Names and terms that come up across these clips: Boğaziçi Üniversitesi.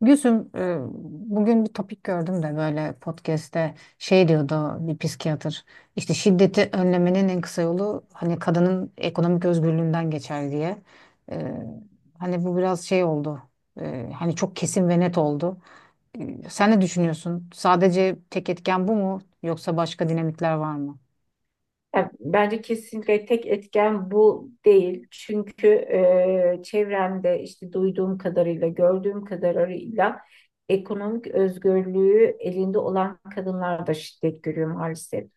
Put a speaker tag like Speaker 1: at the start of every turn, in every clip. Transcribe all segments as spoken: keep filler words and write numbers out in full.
Speaker 1: Gülsüm, e, bugün bir topik gördüm de böyle podcast'te şey diyordu bir psikiyatır. İşte şiddeti önlemenin en kısa yolu hani kadının ekonomik özgürlüğünden geçer diye. E, hani bu biraz şey oldu. E, hani çok kesin ve net oldu. E, sen ne düşünüyorsun? Sadece tek etken bu mu yoksa başka dinamikler var mı?
Speaker 2: Yani bence kesinlikle tek etken bu değil. Çünkü e, çevremde işte duyduğum kadarıyla, gördüğüm kadarıyla ekonomik özgürlüğü elinde olan kadınlar da şiddet görüyor maalesef.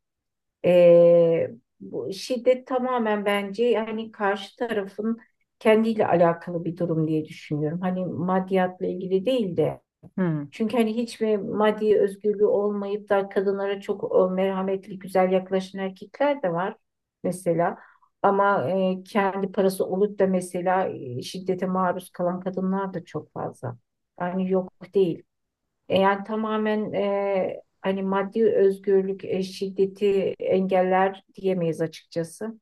Speaker 2: E, Bu şiddet tamamen bence yani karşı tarafın kendiyle alakalı bir durum diye düşünüyorum. Hani maddiyatla ilgili değil de
Speaker 1: Hmm,
Speaker 2: çünkü hani hiçbir maddi özgürlüğü olmayıp da kadınlara çok e, merhametli, güzel yaklaşan erkekler de var mesela. Ama e, kendi parası olup da mesela e, şiddete maruz kalan kadınlar da çok fazla. Yani yok değil. E, yani tamamen e, hani maddi özgürlük e, şiddeti engeller diyemeyiz açıkçası.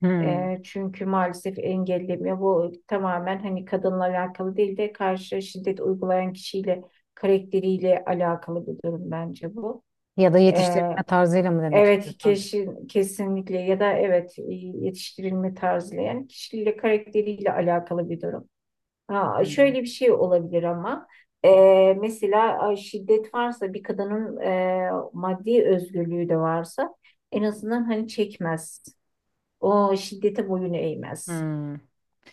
Speaker 1: hmm.
Speaker 2: E, çünkü maalesef engellemiyor. Bu tamamen hani kadınla alakalı değil de karşı şiddet uygulayan kişiyle karakteriyle alakalı bir durum bence bu.
Speaker 1: Ya da
Speaker 2: E,
Speaker 1: yetiştirme tarzıyla mı demek
Speaker 2: evet
Speaker 1: istiyorsan?
Speaker 2: kesin, kesinlikle ya da evet e, yetiştirilme tarzıyla yani kişiyle karakteriyle alakalı bir durum. Ha,
Speaker 1: Hmm,
Speaker 2: şöyle bir şey olabilir ama e, mesela ay, şiddet varsa bir kadının e, maddi özgürlüğü de varsa en azından hani çekmez. O şiddete boyun eğmez.
Speaker 1: hmm.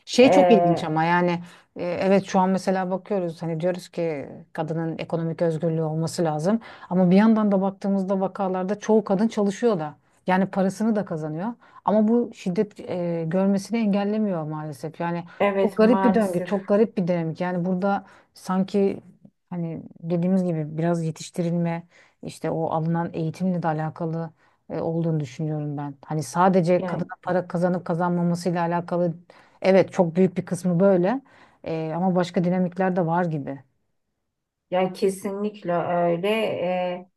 Speaker 1: Şey çok ilginç
Speaker 2: Ee,
Speaker 1: ama yani e, evet, şu an mesela bakıyoruz, hani diyoruz ki kadının ekonomik özgürlüğü olması lazım, ama bir yandan da baktığımızda vakalarda çoğu kadın çalışıyor da, yani parasını da kazanıyor, ama bu şiddet e, görmesini engellemiyor maalesef yani. Çok
Speaker 2: evet
Speaker 1: garip bir döngü,
Speaker 2: maalesef
Speaker 1: çok garip bir dinamik yani burada. Sanki hani dediğimiz gibi biraz yetiştirilme, işte o alınan eğitimle de alakalı e, olduğunu düşünüyorum ben, hani sadece
Speaker 2: yani,
Speaker 1: kadına para kazanıp kazanmamasıyla alakalı. Evet, çok büyük bir kısmı böyle. Ee, ama başka dinamikler de var gibi.
Speaker 2: yani kesinlikle öyle. Ee,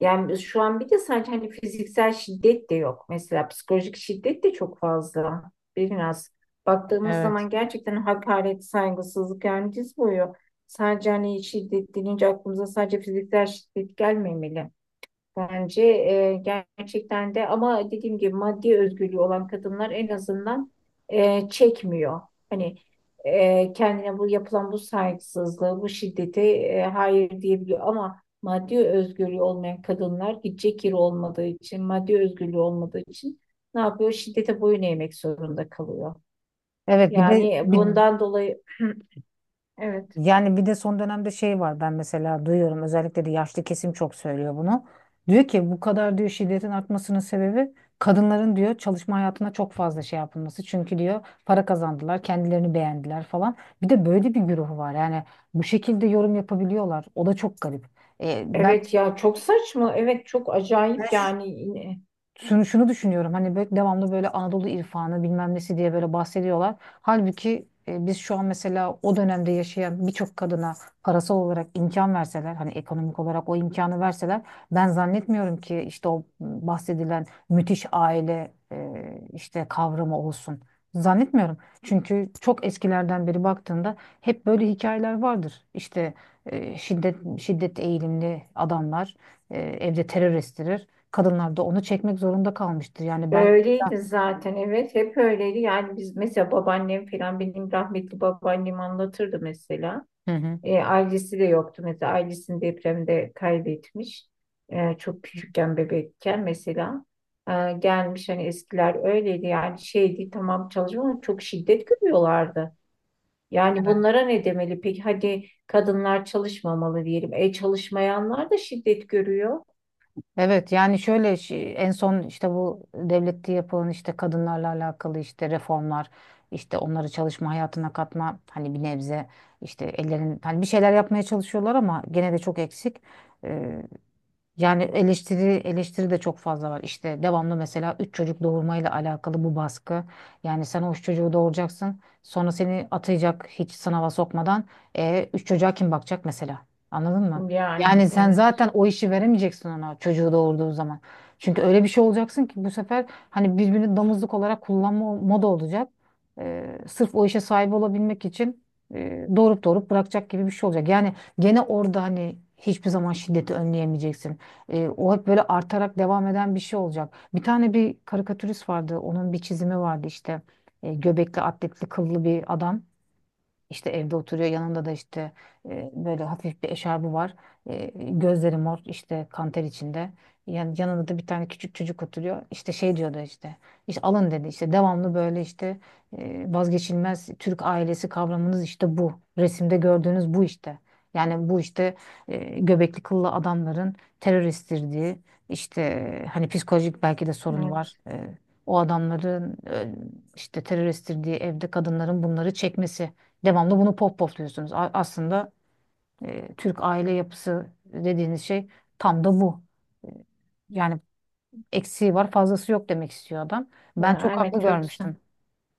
Speaker 2: yani şu an bir de sadece hani fiziksel şiddet de yok. Mesela psikolojik şiddet de çok fazla. Biraz baktığımız
Speaker 1: Evet.
Speaker 2: zaman gerçekten hakaret, saygısızlık yani diz boyu. Sadece hani şiddet deyince aklımıza sadece fiziksel şiddet gelmemeli. Bence e, gerçekten de ama dediğim gibi maddi özgürlüğü olan kadınlar en azından e, çekmiyor. Hani e, kendine bu yapılan bu saygısızlığı, bu şiddeti e, hayır diyebiliyor ama maddi özgürlüğü olmayan kadınlar gidecek yeri olmadığı için, maddi özgürlüğü olmadığı için ne yapıyor? Şiddete boyun eğmek zorunda kalıyor.
Speaker 1: Evet bir de
Speaker 2: Yani
Speaker 1: bir, hı.
Speaker 2: bundan dolayı evet.
Speaker 1: Yani bir de son dönemde şey var, ben mesela duyuyorum, özellikle de yaşlı kesim çok söylüyor bunu. Diyor ki, bu kadar diyor şiddetin artmasının sebebi kadınların diyor çalışma hayatına çok fazla şey yapılması. Çünkü diyor para kazandılar, kendilerini beğendiler falan. Bir de böyle bir güruh var. Yani bu şekilde yorum yapabiliyorlar. O da çok garip. Ee, ben
Speaker 2: Evet ya çok saçma. Evet çok acayip yani.
Speaker 1: şunu, şunu düşünüyorum, hani böyle devamlı böyle Anadolu irfanı bilmem nesi diye böyle bahsediyorlar. Halbuki e, biz şu an mesela o dönemde yaşayan birçok kadına parasal olarak imkan verseler, hani ekonomik olarak o imkanı verseler, ben zannetmiyorum ki işte o bahsedilen müthiş aile e, işte kavramı olsun. Zannetmiyorum. Çünkü çok eskilerden beri baktığında hep böyle hikayeler vardır. İşte e, şiddet şiddet eğilimli adamlar e, evde terör estirir, kadınlar da onu çekmek zorunda kalmıştır. Yani ben...
Speaker 2: Öyleydi zaten, evet, hep öyleydi yani biz mesela babaannem falan, benim rahmetli babaannem anlatırdı mesela.
Speaker 1: Hı hı.
Speaker 2: E, ailesi de yoktu mesela, ailesini depremde kaybetmiş. E, çok küçükken bebekken mesela. E, gelmiş hani eskiler öyleydi yani şeydi tamam çalışma ama çok şiddet görüyorlardı. Yani
Speaker 1: Evet.
Speaker 2: bunlara ne demeli peki, hadi kadınlar çalışmamalı diyelim, e çalışmayanlar da şiddet görüyor.
Speaker 1: Evet yani şöyle şey- en son işte bu devlette yapılan işte kadınlarla alakalı işte reformlar, işte onları çalışma hayatına katma, hani bir nebze işte ellerin hani bir şeyler yapmaya çalışıyorlar ama gene de çok eksik. Yani eleştiri, eleştiri de çok fazla var. İşte devamlı mesela üç çocuk doğurmayla alakalı bu baskı. Yani sen o üç çocuğu doğuracaksın. Sonra seni atayacak hiç sınava sokmadan. E, üç çocuğa kim bakacak mesela? Anladın mı?
Speaker 2: Yani
Speaker 1: Yani sen
Speaker 2: evet.
Speaker 1: zaten o işi veremeyeceksin ona çocuğu doğurduğu zaman. Çünkü öyle bir şey olacaksın ki bu sefer hani birbirini damızlık olarak kullanma moda olacak. E, sırf o işe sahip olabilmek için e, doğurup doğurup bırakacak gibi bir şey olacak. Yani gene orada hani hiçbir zaman şiddeti önleyemeyeceksin. E, o hep böyle artarak devam eden bir şey olacak. Bir tane bir karikatürist vardı. Onun bir çizimi vardı işte. E, göbekli, atletli, kıllı bir adam. İşte evde oturuyor, yanında da işte e, böyle hafif bir eşarbı var. E, gözleri mor, işte kanter içinde. Yani yanında da bir tane küçük çocuk oturuyor. İşte şey diyordu işte. İşte alın dedi, işte devamlı böyle işte e, vazgeçilmez Türk ailesi kavramınız işte bu. Resimde gördüğünüz bu işte. Yani bu işte e, göbekli kıllı adamların teröristtirdiği işte e, hani psikolojik belki de sorunu var.
Speaker 2: Evet
Speaker 1: E, o adamların e, işte teröristtirdiği evde kadınların bunları çekmesi. Devamlı bunu pop popluyorsunuz. A- Aslında e, Türk aile yapısı dediğiniz şey tam da bu. E, Yani eksiği var, fazlası yok demek istiyor adam. Ben
Speaker 2: ya,
Speaker 1: çok
Speaker 2: evet
Speaker 1: haklı
Speaker 2: çok.
Speaker 1: görmüştüm.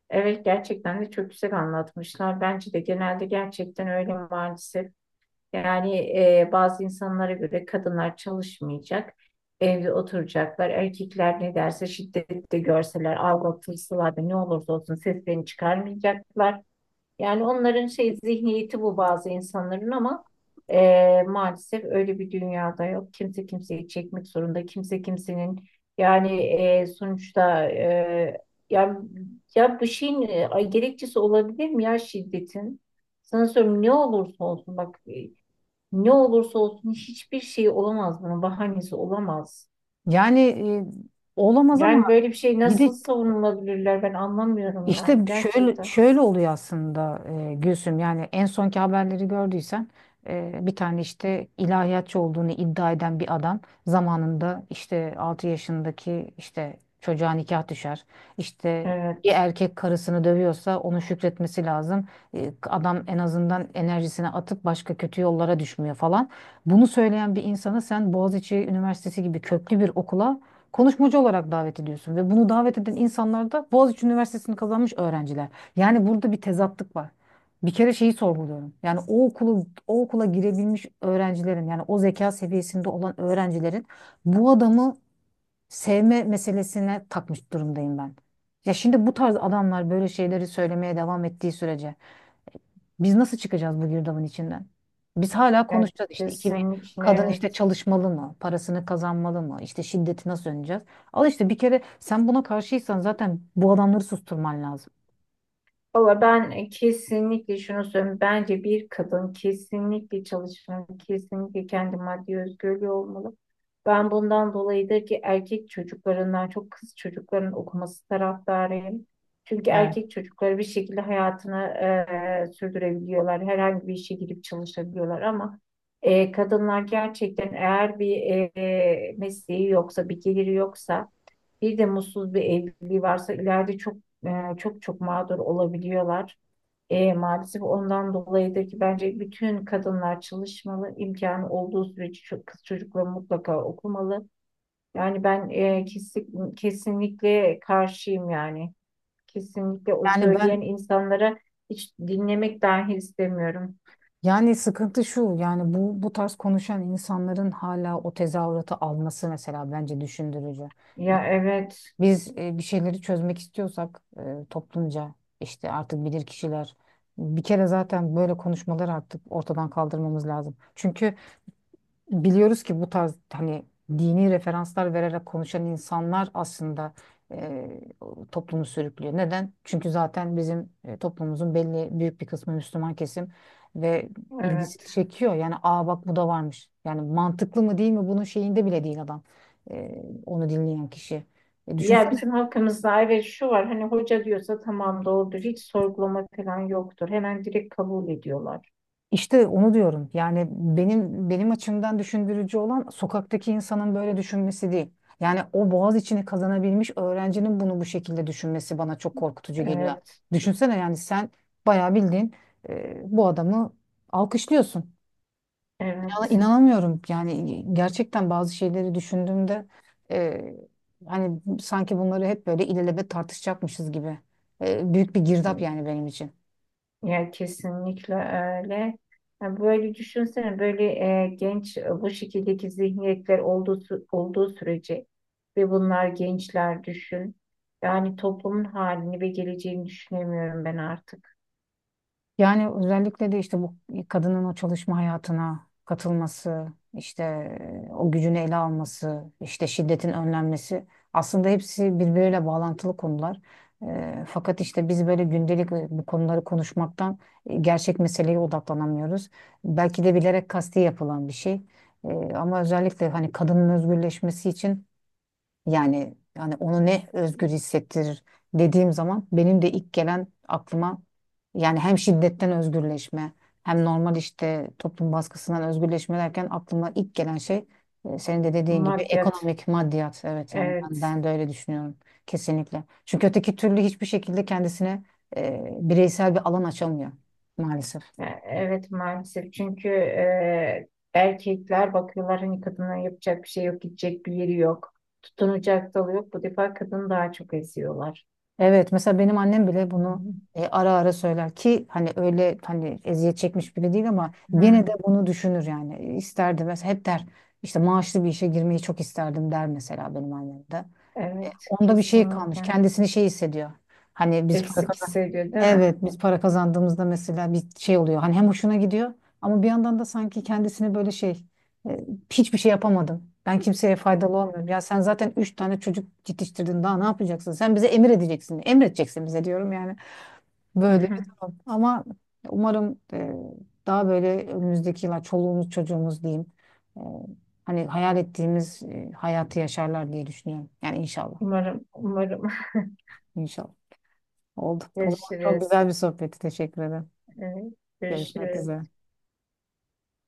Speaker 2: Evet gerçekten de çok güzel anlatmışlar. Bence de genelde gerçekten öyle maalesef. Yani e, bazı insanlara göre kadınlar çalışmayacak, evde oturacaklar. Erkekler ne derse şiddette görseler, aldatılsalar da ne olursa olsun seslerini çıkarmayacaklar. Yani onların şey zihniyeti bu, bazı insanların ama e, maalesef öyle bir dünyada yok. Kimse kimseyi çekmek zorunda. Kimse kimsenin yani e, sonuçta e, ya, ya bu şeyin e, ay, gerekçesi olabilir mi ya şiddetin? Sana söylüyorum ne olursa olsun bak e, ne olursa olsun hiçbir şey olamaz, bunun bahanesi olamaz.
Speaker 1: Yani e, olamaz ama
Speaker 2: Yani böyle bir şey
Speaker 1: bir
Speaker 2: nasıl
Speaker 1: de...
Speaker 2: savunulabilirler, ben anlamıyorum yani
Speaker 1: İşte şöyle
Speaker 2: gerçekten.
Speaker 1: şöyle oluyor aslında. e, Gülsüm, yani en sonki haberleri gördüysen, e, bir tane işte ilahiyatçı olduğunu iddia eden bir adam zamanında işte altı yaşındaki işte çocuğa nikah düşer. İşte bir
Speaker 2: Evet.
Speaker 1: erkek karısını dövüyorsa onu şükretmesi lazım. E, adam en azından enerjisini atıp başka kötü yollara düşmüyor falan. Bunu söyleyen bir insana sen Boğaziçi Üniversitesi gibi köklü bir okula konuşmacı olarak davet ediyorsun ve bunu davet eden insanlar da Boğaziçi Üniversitesi'ni kazanmış öğrenciler. Yani burada bir tezatlık var. Bir kere şeyi sorguluyorum. Yani o okulu, o okula girebilmiş öğrencilerin, yani o zeka seviyesinde olan öğrencilerin bu adamı sevme meselesine takmış durumdayım ben. Ya şimdi bu tarz adamlar böyle şeyleri söylemeye devam ettiği sürece biz nasıl çıkacağız bu girdabın içinden? Biz hala
Speaker 2: Yani
Speaker 1: konuşacağız işte iki bin
Speaker 2: kesinlikle
Speaker 1: kadın işte
Speaker 2: evet.
Speaker 1: çalışmalı mı? Parasını kazanmalı mı? İşte şiddeti nasıl önleyeceğiz? Al işte bir kere sen buna karşıysan zaten bu adamları susturman lazım.
Speaker 2: Valla ben kesinlikle şunu söyleyeyim. Bence bir kadın kesinlikle çalışmalı, kesinlikle kendi maddi özgürlüğü olmalı. Ben bundan dolayıdır ki erkek çocuklarından çok kız çocuklarının okuması taraftarıyım. Çünkü
Speaker 1: Evet.
Speaker 2: erkek çocukları bir şekilde hayatını eee, sürdürebiliyorlar. Herhangi bir işe girip çalışabiliyorlar ama eee, kadınlar gerçekten eğer bir eee, mesleği yoksa, bir geliri yoksa, bir de mutsuz bir evliliği varsa ileride çok e, çok çok mağdur olabiliyorlar. E, maalesef ondan dolayıdır ki bence bütün kadınlar çalışmalı, imkanı olduğu sürece ço- kız çocukları mutlaka okumalı. Yani ben e, kesin, kesinlikle karşıyım yani. Kesinlikle o
Speaker 1: Yani
Speaker 2: söyleyen
Speaker 1: ben,
Speaker 2: insanlara hiç dinlemek dahi istemiyorum.
Speaker 1: yani sıkıntı şu, yani bu bu tarz konuşan insanların hala o tezahüratı alması mesela bence düşündürücü.
Speaker 2: Ya evet,
Speaker 1: Biz e, bir şeyleri çözmek istiyorsak, e, toplumca işte artık bilir kişiler, bir kere zaten böyle konuşmaları artık ortadan kaldırmamız lazım. Çünkü biliyoruz ki bu tarz hani dini referanslar vererek konuşan insanlar aslında e, toplumu sürüklüyor. Neden? Çünkü zaten bizim e, toplumumuzun belli büyük bir kısmı Müslüman kesim ve ilgisi
Speaker 2: evet.
Speaker 1: çekiyor. Yani, aa bak bu da varmış. Yani mantıklı mı değil mi bunun şeyinde bile değil adam. E, onu dinleyen kişi. E,
Speaker 2: Ya
Speaker 1: düşünsene
Speaker 2: bizim halkımızda evet şu var, hani hoca diyorsa tamam doğrudur. Hiç sorgulama falan yoktur. Hemen direkt kabul ediyorlar.
Speaker 1: İşte onu diyorum. Yani benim benim açımdan düşündürücü olan sokaktaki insanın böyle düşünmesi değil. Yani o Boğaziçi'ni kazanabilmiş öğrencinin bunu bu şekilde düşünmesi bana çok korkutucu geliyor.
Speaker 2: Evet,
Speaker 1: Düşünsene yani sen bayağı bildiğin e, bu adamı alkışlıyorsun. Ya
Speaker 2: evet.
Speaker 1: inanamıyorum. Yani gerçekten bazı şeyleri düşündüğümde e, hani sanki bunları hep böyle ilelebet tartışacakmışız gibi. E, büyük bir girdap yani benim için.
Speaker 2: Ya kesinlikle öyle. Ya böyle düşünsene, böyle e, genç e, bu şekildeki zihniyetler olduğu, sü- olduğu sürece ve bunlar gençler, düşün. Yani toplumun halini ve geleceğini düşünemiyorum ben artık.
Speaker 1: Yani özellikle de işte bu kadının o çalışma hayatına katılması, işte e, o gücünü ele alması, işte şiddetin önlenmesi aslında hepsi birbiriyle bağlantılı konular. E, fakat işte biz böyle gündelik e, bu konuları konuşmaktan e, gerçek meseleye odaklanamıyoruz. Belki de bilerek kasti yapılan bir şey. E, ama özellikle hani kadının özgürleşmesi için, yani yani onu ne özgür hissettirir dediğim zaman benim de ilk gelen aklıma, yani hem şiddetten özgürleşme, hem normal işte toplum baskısından özgürleşme derken aklıma ilk gelen şey e, senin de dediğin gibi
Speaker 2: Maddiyat,
Speaker 1: ekonomik maddiyat. Evet yani ben,
Speaker 2: evet.
Speaker 1: ben de öyle düşünüyorum kesinlikle. Çünkü öteki türlü hiçbir şekilde kendisine e, bireysel bir alan açamıyor maalesef.
Speaker 2: Ya, evet maalesef çünkü e, erkekler bakıyorlar hani kadına yapacak bir şey yok, gidecek bir yeri yok, tutunacak dalı yok, bu defa kadını daha çok eziyorlar.
Speaker 1: Evet, mesela benim annem bile
Speaker 2: Hı
Speaker 1: bunu
Speaker 2: hı.
Speaker 1: e, ara ara söyler ki hani öyle hani eziyet çekmiş biri değil, ama
Speaker 2: Hı,
Speaker 1: gene de bunu düşünür yani. E, isterdi mesela, hep der işte maaşlı bir işe girmeyi çok isterdim der mesela benim annem de. E,
Speaker 2: evet
Speaker 1: onda bir şey kalmış,
Speaker 2: kesinlikle.
Speaker 1: kendisini şey hissediyor, hani biz para...
Speaker 2: Eksik hissediyor değil mi?
Speaker 1: Evet, biz para kazandığımızda mesela bir şey oluyor, hani hem hoşuna gidiyor ama bir yandan da sanki kendisini böyle şey e, hiçbir şey yapamadım, ben kimseye faydalı olmuyorum. Ya sen zaten üç tane çocuk yetiştirdin daha ne yapacaksın? Sen bize emir edeceksin. Emredeceksin bize diyorum yani.
Speaker 2: Hı
Speaker 1: Böyle bir
Speaker 2: hı.
Speaker 1: durum. Ama umarım e, daha böyle önümüzdeki yıllar çoluğumuz çocuğumuz diyeyim, e, hani hayal ettiğimiz e, hayatı yaşarlar diye düşünüyorum. Yani inşallah.
Speaker 2: Umarım, umarım.
Speaker 1: İnşallah. Oldu. O zaman çok
Speaker 2: Görüşürüz.
Speaker 1: güzel bir sohbetti. Teşekkür ederim.
Speaker 2: Evet,
Speaker 1: Görüşmek üzere.
Speaker 2: görüşürüz.